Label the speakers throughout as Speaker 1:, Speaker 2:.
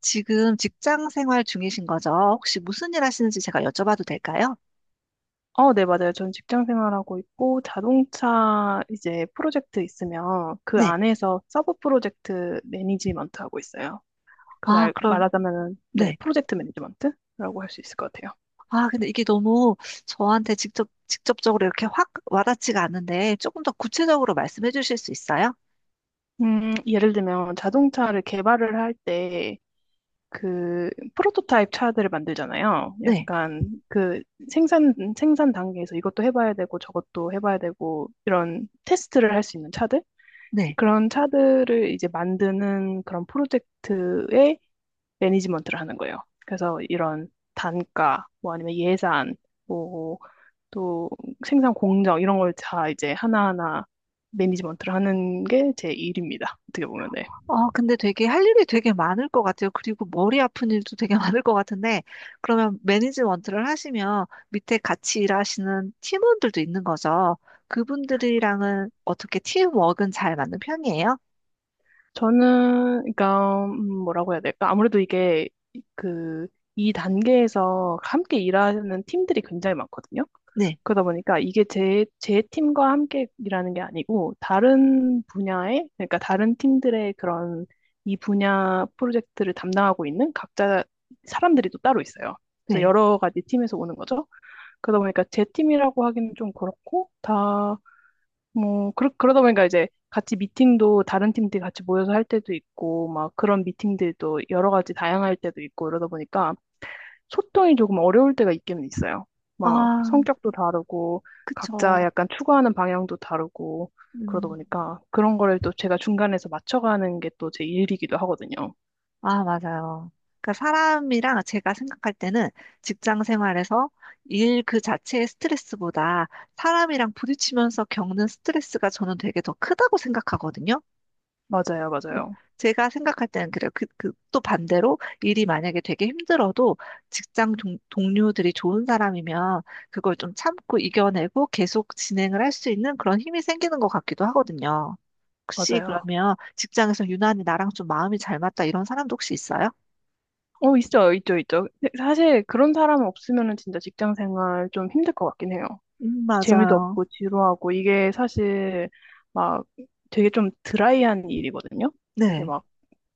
Speaker 1: 지금 직장 생활 중이신 거죠? 혹시 무슨 일 하시는지 제가 여쭤봐도 될까요?
Speaker 2: 어, 네, 맞아요. 전 직장 생활하고 있고, 자동차 이제 프로젝트 있으면 그
Speaker 1: 네.
Speaker 2: 안에서 서브 프로젝트 매니지먼트 하고 있어요. 그
Speaker 1: 아, 그럼,
Speaker 2: 말하자면은, 네,
Speaker 1: 네.
Speaker 2: 프로젝트 매니지먼트라고 할 수 있을 것 같아요.
Speaker 1: 아, 근데 이게 너무 저한테 직접적으로 이렇게 확 와닿지가 않는데 조금 더 구체적으로 말씀해 주실 수 있어요?
Speaker 2: 예를 들면 자동차를 개발을 할 때 그 프로토타입 차들을 만들잖아요.
Speaker 1: 네.
Speaker 2: 약간 그 생산 단계에서 이것도 해봐야 되고 저것도 해봐야 되고 이런 테스트를 할 수 있는 차들?
Speaker 1: 네.
Speaker 2: 그런 차들을 이제 만드는 그런 프로젝트의 매니지먼트를 하는 거예요. 그래서 이런 단가, 뭐 아니면 예산, 뭐 또 생산 공정 이런 걸 다 이제 하나하나 매니지먼트를 하는 게 제 일입니다. 어떻게 보면.
Speaker 1: 어, 근데 되게 할 일이 되게 많을 것 같아요. 그리고 머리 아픈 일도 되게 많을 것 같은데, 그러면 매니지먼트를 하시면 밑에 같이 일하시는 팀원들도 있는 거죠. 그분들이랑은 어떻게 팀워크는 잘 맞는 편이에요?
Speaker 2: 저는, 그러니까, 뭐라고 해야 될까? 아무래도 이게, 그, 이 단계에서 함께 일하는 팀들이 굉장히 많거든요.
Speaker 1: 네.
Speaker 2: 그러다 보니까 이게 제 팀과 함께 일하는 게 아니고, 다른 분야의, 그러니까 다른 팀들의 그런, 이 분야 프로젝트를 담당하고 있는 각자 사람들이 또 따로 있어요. 그래서
Speaker 1: 네.
Speaker 2: 여러 가지 팀에서 오는 거죠. 그러다 보니까 제 팀이라고 하기는 좀 그렇고, 다, 뭐, 그러다 보니까 이제 같이 미팅도 다른 팀들 같이 모여서 할 때도 있고, 막 그런 미팅들도 여러 가지 다양할 때도 있고, 이러다 보니까 소통이 조금 어려울 때가 있기는 있어요. 막
Speaker 1: 아,
Speaker 2: 성격도 다르고, 각자
Speaker 1: 그쵸.
Speaker 2: 약간 추구하는 방향도 다르고, 그러다
Speaker 1: 음.
Speaker 2: 보니까 그런 거를 또 제가 중간에서 맞춰가는 게 또 제 일이기도 하거든요.
Speaker 1: 아, 맞아요. 그러니까 사람이랑 제가 생각할 때는 직장 생활에서 일 그 자체의 스트레스보다 사람이랑 부딪히면서 겪는 스트레스가 저는 되게 더 크다고 생각하거든요.
Speaker 2: 맞아요, 맞아요,
Speaker 1: 제가 생각할 때는 그래요. 또 반대로 일이 만약에 되게 힘들어도 직장 동료들이 좋은 사람이면 그걸 좀 참고 이겨내고 계속 진행을 할 수 있는 그런 힘이 생기는 것 같기도 하거든요. 혹시
Speaker 2: 맞아요.
Speaker 1: 그러면 직장에서 유난히 나랑 좀 마음이 잘 맞다 이런 사람도 혹시 있어요?
Speaker 2: 어, 있죠, 있죠, 있죠. 근데 사실 그런 사람 없으면은 진짜 직장 생활 좀 힘들 것 같긴 해요. 재미도
Speaker 1: 맞아요.
Speaker 2: 없고 지루하고 이게 사실 막 되게 좀 드라이한 일이거든요. 되게
Speaker 1: 네,
Speaker 2: 막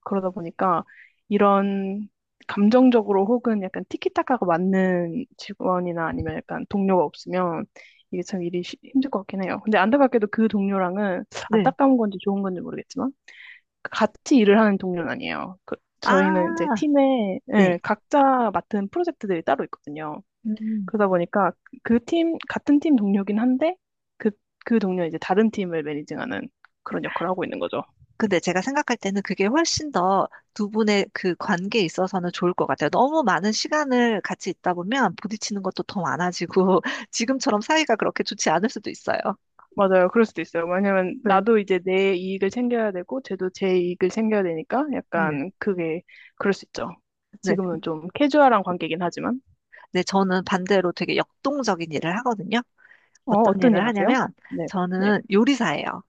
Speaker 2: 그러다 보니까 이런 감정적으로 혹은 약간 티키타카가 맞는 직원이나 아니면 약간 동료가 없으면 이게 참 일이 힘들 것 같긴 해요. 근데 안타깝게도 그 동료랑은
Speaker 1: 네.
Speaker 2: 안타까운 건지 좋은 건지 모르겠지만 같이 일을 하는 동료는 아니에요. 저희는 이제
Speaker 1: 아,
Speaker 2: 팀에 예,
Speaker 1: 네.
Speaker 2: 각자 맡은 프로젝트들이 따로 있거든요.
Speaker 1: 음.
Speaker 2: 그러다 보니까 그 팀, 같은 팀 동료긴 한데, 그, 그 동료 이제 다른 팀을 매니징하는 그런 역할을 하고 있는 거죠.
Speaker 1: 근데 제가 생각할 때는 그게 훨씬 더 두 분의 그 관계에 있어서는 좋을 것 같아요. 너무 많은 시간을 같이 있다 보면 부딪히는 것도 더 많아지고 지금처럼 사이가 그렇게 좋지 않을 수도 있어요.
Speaker 2: 맞아요. 그럴 수도 있어요. 왜냐면
Speaker 1: 네.
Speaker 2: 나도 이제 내 이익을 챙겨야 되고, 쟤도 제 이익을 챙겨야 되니까
Speaker 1: 네.
Speaker 2: 약간 그게 그럴 수 있죠.
Speaker 1: 네.
Speaker 2: 지금은 좀 캐주얼한 관계긴 하지만.
Speaker 1: 네, 저는 반대로 되게 역동적인 일을 하거든요.
Speaker 2: 어,
Speaker 1: 어떤
Speaker 2: 어떤 일
Speaker 1: 일을
Speaker 2: 하세요?
Speaker 1: 하냐면
Speaker 2: 네, 네.
Speaker 1: 저는 요리사예요.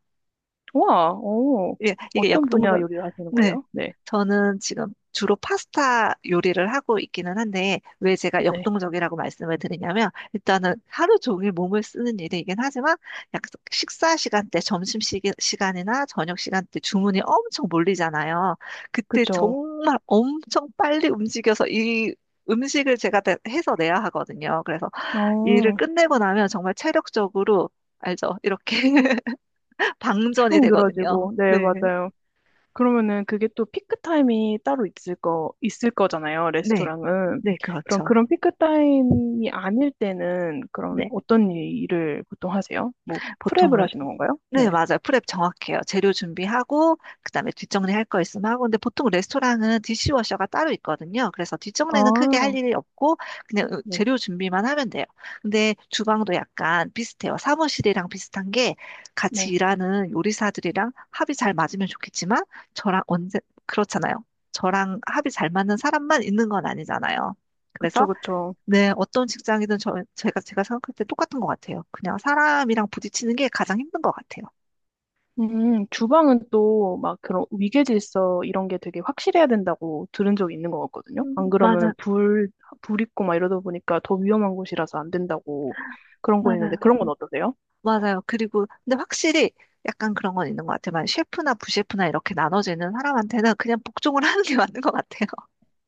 Speaker 2: 우와, 어,
Speaker 1: 예, 이게
Speaker 2: 어떤 분야
Speaker 1: 역동적,
Speaker 2: 요리를 하시는
Speaker 1: 네.
Speaker 2: 거예요? 네,
Speaker 1: 저는 지금 주로 파스타 요리를 하고 있기는 한데, 왜 제가
Speaker 2: 네.
Speaker 1: 역동적이라고 말씀을 드리냐면, 일단은 하루 종일 몸을 쓰는 일이긴 하지만, 약 식사 시간대, 점심 시간이나 저녁 시간대 주문이 엄청 몰리잖아요. 그때
Speaker 2: 그쵸.
Speaker 1: 정말 엄청 빨리 움직여서 이 음식을 제가 다 해서 내야 하거든요. 그래서 일을
Speaker 2: 어,
Speaker 1: 끝내고 나면 정말 체력적으로, 알죠? 이렇게 방전이
Speaker 2: 축
Speaker 1: 되거든요.
Speaker 2: 늘어지고, 네,
Speaker 1: 네.
Speaker 2: 맞아요. 그러면은 그게 또 피크 타임이 따로 있을 거잖아요,
Speaker 1: 네.
Speaker 2: 레스토랑은.
Speaker 1: 네,
Speaker 2: 그럼
Speaker 1: 그렇죠.
Speaker 2: 그런 피크 타임이 아닐 때는 그런
Speaker 1: 네.
Speaker 2: 어떤 일을 보통 하세요? 뭐, 프랩을
Speaker 1: 보통은,
Speaker 2: 하시는 건가요?
Speaker 1: 네,
Speaker 2: 네.
Speaker 1: 맞아요. 프랩 정확해요. 재료 준비하고, 그 다음에 뒷정리 할 거 있으면 하고, 근데 보통 레스토랑은 디시워셔가 따로 있거든요. 그래서 뒷정리는 크게 할
Speaker 2: 아,
Speaker 1: 일이 없고, 그냥
Speaker 2: 네,
Speaker 1: 재료 준비만 하면 돼요. 근데 주방도 약간 비슷해요. 사무실이랑 비슷한 게 같이
Speaker 2: 네.
Speaker 1: 일하는 요리사들이랑 합이 잘 맞으면 좋겠지만, 저랑 언제, 그렇잖아요. 저랑 합이 잘 맞는 사람만 있는 건 아니잖아요.
Speaker 2: 그쵸,
Speaker 1: 그래서
Speaker 2: 그쵸.
Speaker 1: 네, 어떤 직장이든 제가 생각할 때 똑같은 것 같아요. 그냥 사람이랑 부딪히는 게 가장 힘든 것 같아요.
Speaker 2: 주방은 또 막 그런 위계질서 이런 게 되게 확실해야 된다고 들은 적이 있는 것 같거든요.
Speaker 1: 음,
Speaker 2: 안 그러면
Speaker 1: 맞아,
Speaker 2: 불 있고 막 이러다 보니까 더 위험한 곳이라서 안 된다고 그런 거 있는데
Speaker 1: 맞아요.
Speaker 2: 그런 건 어떠세요?
Speaker 1: 맞아요. 그리고, 근데 확실히 약간 그런 건 있는 것 같아요. 만약 셰프나 부셰프나 이렇게 나눠지는 사람한테는 그냥 복종을 하는 게 맞는 것 같아요.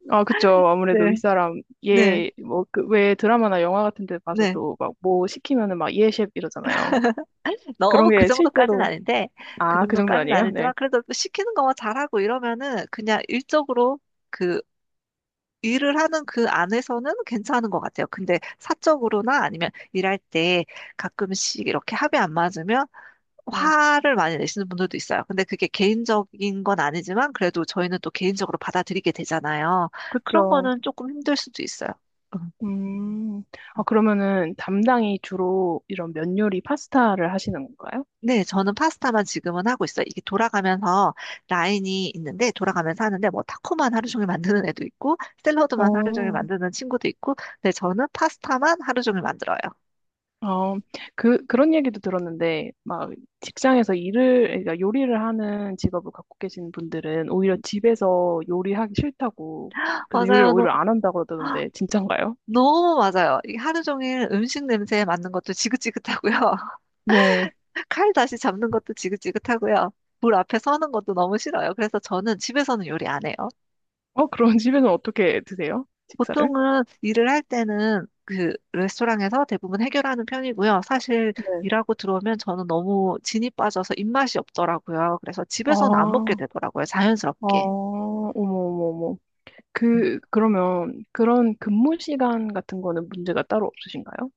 Speaker 2: 아, 그쵸. 아무래도
Speaker 1: 네.
Speaker 2: 윗사람,
Speaker 1: 네,
Speaker 2: 얘, 뭐, 그, 왜 드라마나 영화 같은 데
Speaker 1: 네.
Speaker 2: 봐서도 막 뭐 시키면은 막 예, 셰프 이러잖아요. 그런
Speaker 1: 너무 그
Speaker 2: 게
Speaker 1: 정도까지는
Speaker 2: 실제로,
Speaker 1: 아닌데, 그
Speaker 2: 아, 그 정도는
Speaker 1: 정도까지는
Speaker 2: 아니에요? 네.
Speaker 1: 아니지만, 그래도 시키는 것만 잘하고 이러면은 그냥 일적으로 그 일을 하는 그 안에서는 괜찮은 것 같아요. 근데 사적으로나 아니면 일할 때 가끔씩 이렇게 합이 안 맞으면
Speaker 2: 네.
Speaker 1: 화를 많이 내시는 분들도 있어요. 근데 그게 개인적인 건 아니지만 그래도 저희는 또 개인적으로 받아들이게 되잖아요. 그런
Speaker 2: 그쵸.
Speaker 1: 거는 조금 힘들 수도 있어요. 음.
Speaker 2: 음, 아, 그러면은 담당이 주로 이런 면 요리 파스타를 하시는 건가요?
Speaker 1: 네, 저는 파스타만 지금은 하고 있어요. 이게 돌아가면서 라인이 있는데, 돌아가면서 하는데, 뭐, 타코만 하루 종일 만드는 애도 있고, 샐러드만 하루 종일
Speaker 2: 어,
Speaker 1: 만드는 친구도 있고, 근데 저는 파스타만 하루 종일 만들어요.
Speaker 2: 어, 그런 얘기도 들었는데, 막, 직장에서 일을, 그러니까 요리를 하는 직업을 갖고 계신 분들은 오히려 집에서 요리하기 싫다고, 그래서 요리를
Speaker 1: 맞아요. 너.
Speaker 2: 오히려 안 한다고 그러던데, 진짠가요?
Speaker 1: 너무 맞아요. 이게 하루 종일 음식 냄새에 맡는 것도 지긋지긋하고요.
Speaker 2: 네.
Speaker 1: 칼 다시 잡는 것도 지긋지긋하고요. 불 앞에 서는 것도 너무 싫어요. 그래서 저는 집에서는 요리 안 해요.
Speaker 2: 어, 그런 집에는 어떻게 드세요? 식사를?
Speaker 1: 보통은 일을 할 때는 그 레스토랑에서 대부분 해결하는 편이고요. 사실
Speaker 2: 네.
Speaker 1: 일하고 들어오면 저는 너무 진이 빠져서 입맛이 없더라고요. 그래서
Speaker 2: 아,
Speaker 1: 집에서는 안 먹게
Speaker 2: 어,
Speaker 1: 되더라고요. 자연스럽게.
Speaker 2: 어머, 어머, 어머. 그러면 그런 근무 시간 같은 거는 문제가 따로 없으신가요?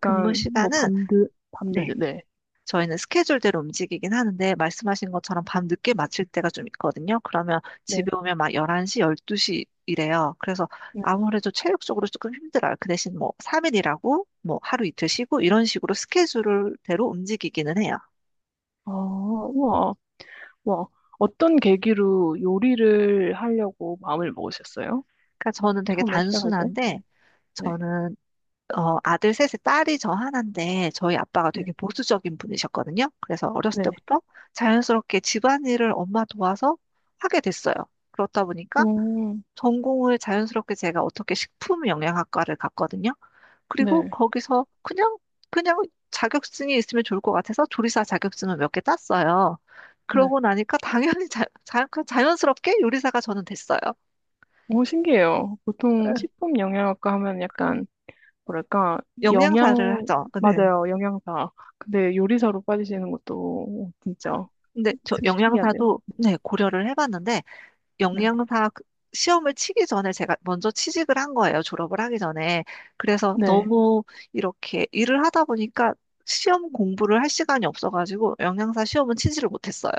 Speaker 1: 근무
Speaker 2: 뭐,
Speaker 1: 시간은 네,
Speaker 2: 네.
Speaker 1: 저희는 스케줄대로 움직이긴 하는데 말씀하신 것처럼 밤 늦게 마칠 때가 좀 있거든요. 그러면
Speaker 2: 네.
Speaker 1: 집에 오면 막 11시, 12시 이래요. 그래서
Speaker 2: 네.
Speaker 1: 아무래도 체력적으로 조금 힘들어요. 그 대신 뭐 3일 일하고 뭐 하루 이틀 쉬고 이런 식으로 스케줄대로 움직이기는 해요.
Speaker 2: 아, 우와, 와. 어떤 계기로 요리를 하려고 마음을 먹으셨어요?
Speaker 1: 그러니까 저는 되게
Speaker 2: 처음에 시작할 때? 네.
Speaker 1: 단순한데
Speaker 2: 네.
Speaker 1: 저는 아들 셋에 딸이 저 하나인데 저희 아빠가
Speaker 2: 네.
Speaker 1: 되게 보수적인 분이셨거든요. 그래서 어렸을
Speaker 2: 네.
Speaker 1: 때부터 자연스럽게 집안일을 엄마 도와서 하게 됐어요. 그렇다 보니까
Speaker 2: 오,
Speaker 1: 전공을 자연스럽게 제가 어떻게 식품 영양학과를 갔거든요. 그리고
Speaker 2: 네.
Speaker 1: 거기서 그냥, 그냥 자격증이 있으면 좋을 것 같아서 조리사 자격증을 몇 개 땄어요.
Speaker 2: 네.
Speaker 1: 그러고 나니까 당연히 자, 자, 그 자연스럽게 요리사가 저는 됐어요.
Speaker 2: 오, 신기해요. 보통
Speaker 1: 네.
Speaker 2: 식품 영양학과 하면 약간 뭐랄까,
Speaker 1: 영양사를
Speaker 2: 영양,
Speaker 1: 하죠. 네.
Speaker 2: 맞아요, 영양사. 근데 요리사로 빠지시는 것도 진짜
Speaker 1: 근데 저
Speaker 2: 신기한데요.
Speaker 1: 영양사도 네, 고려를 해봤는데
Speaker 2: 네.
Speaker 1: 영양사 그- 시험을 치기 전에 제가 먼저 취직을 한 거예요. 졸업을 하기 전에. 그래서
Speaker 2: 네.
Speaker 1: 너무 이렇게 일을 하다 보니까 시험 공부를 할 시간이 없어가지고 영양사 시험은 치지를 못했어요.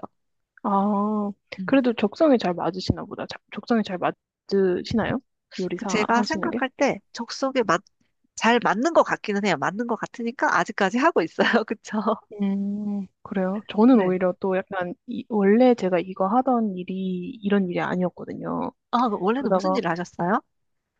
Speaker 2: 아,
Speaker 1: 음.
Speaker 2: 그래도 적성에 잘 맞으시나 보다. 적성에 잘 맞으시나요?
Speaker 1: 그
Speaker 2: 요리사
Speaker 1: 제가
Speaker 2: 하시는 게?
Speaker 1: 생각할 때 적성에 맞, 잘 맞는 것 같기는 해요. 맞는 것 같으니까 아직까지 하고 있어요. 그쵸?
Speaker 2: 그래요. 저는
Speaker 1: 네.
Speaker 2: 오히려 또 약간, 이, 원래 제가 이거 하던 일이 이런 일이 아니었거든요.
Speaker 1: 아, 그 원래는 무슨
Speaker 2: 그러다가,
Speaker 1: 일을 하셨어요?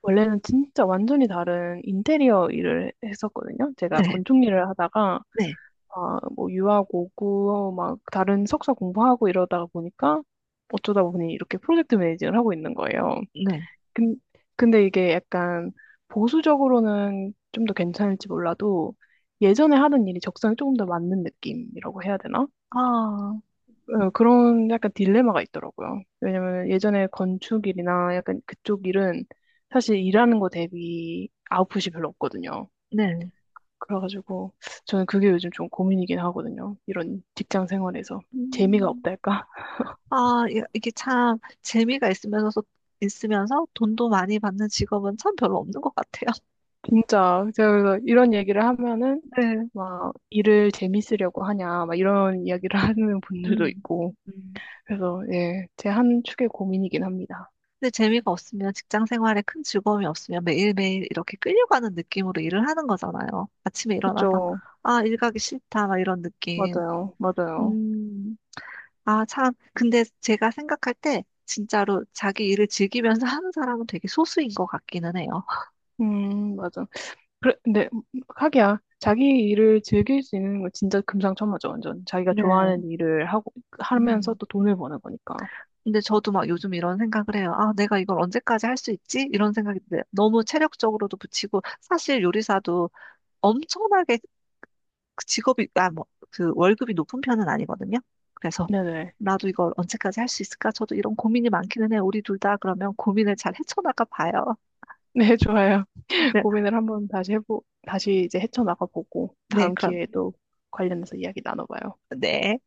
Speaker 2: 원래는 진짜 완전히 다른 인테리어 일을 했었거든요. 제가
Speaker 1: 네.
Speaker 2: 건축 일을 하다가,
Speaker 1: 네.
Speaker 2: 아, 뭐 유학 오고 어, 막 다른 석사 공부하고 이러다 보니까 어쩌다 보니 이렇게 프로젝트 매니징을 하고 있는 거예요.
Speaker 1: 네.
Speaker 2: 근, 근데 이게 약간 보수적으로는 좀 더 괜찮을지 몰라도 예전에 하던 일이 적성에 조금 더 맞는 느낌이라고 해야 되나?
Speaker 1: 아,
Speaker 2: 어, 그런 약간 딜레마가 있더라고요. 왜냐면 예전에 건축 일이나 약간 그쪽 일은 사실 일하는 거 대비 아웃풋이 별로 없거든요.
Speaker 1: 네.
Speaker 2: 그래가지고 저는 그게 요즘 좀 고민이긴 하거든요. 이런 직장 생활에서 재미가
Speaker 1: 음.
Speaker 2: 없달까?
Speaker 1: 아, 이게 참 있으면서 돈도 많이 받는 직업은 참 별로 없는 것 같아요.
Speaker 2: 진짜 제가 그래서 이런 얘기를 하면은
Speaker 1: 네.
Speaker 2: 막 일을 재밌으려고 하냐 막 이런 이야기를 하는 분들도
Speaker 1: 음,
Speaker 2: 있고
Speaker 1: 음.
Speaker 2: 그래서 예, 제 한 축의 고민이긴 합니다.
Speaker 1: 근데 재미가 없으면 직장 생활에 큰 즐거움이 없으면 매일매일 이렇게 끌려가는 느낌으로 일을 하는 거잖아요. 아침에 일어나서,
Speaker 2: 그렇죠.
Speaker 1: 아, 일 가기 싫다, 막 이런 느낌.
Speaker 2: 맞아요. 맞아요.
Speaker 1: 음, 아, 참. 근데 제가 생각할 때 진짜로 자기 일을 즐기면서 하는 사람은 되게 소수인 것 같기는 해요.
Speaker 2: 맞아. 그래, 근데 하기야 자기 일을 즐길 수 있는 건 진짜 금상첨화죠. 완전 자기가 좋아하는
Speaker 1: 네.
Speaker 2: 일을 하고 하면서
Speaker 1: 음.
Speaker 2: 또 돈을 버는 거니까.
Speaker 1: 근데 저도 막 요즘 이런 생각을 해요. 아, 내가 이걸 언제까지 할 수 있지? 이런 생각이 들어요. 너무 체력적으로도 붙이고, 사실 요리사도 엄청나게 그 직업이, 아, 뭐, 그 월급이 높은 편은 아니거든요. 그래서
Speaker 2: 네네.
Speaker 1: 나도 이걸 언제까지 할 수 있을까? 저도 이런 고민이 많기는 해요. 우리 둘 다 그러면 고민을 잘 헤쳐나가 봐요.
Speaker 2: 네, 좋아요.
Speaker 1: 네,
Speaker 2: 고민을 한번 다시 해보, 다시 이제 헤쳐나가 보고
Speaker 1: 네,
Speaker 2: 다음
Speaker 1: 그럼,
Speaker 2: 기회에도 관련해서 이야기 나눠봐요.
Speaker 1: 네.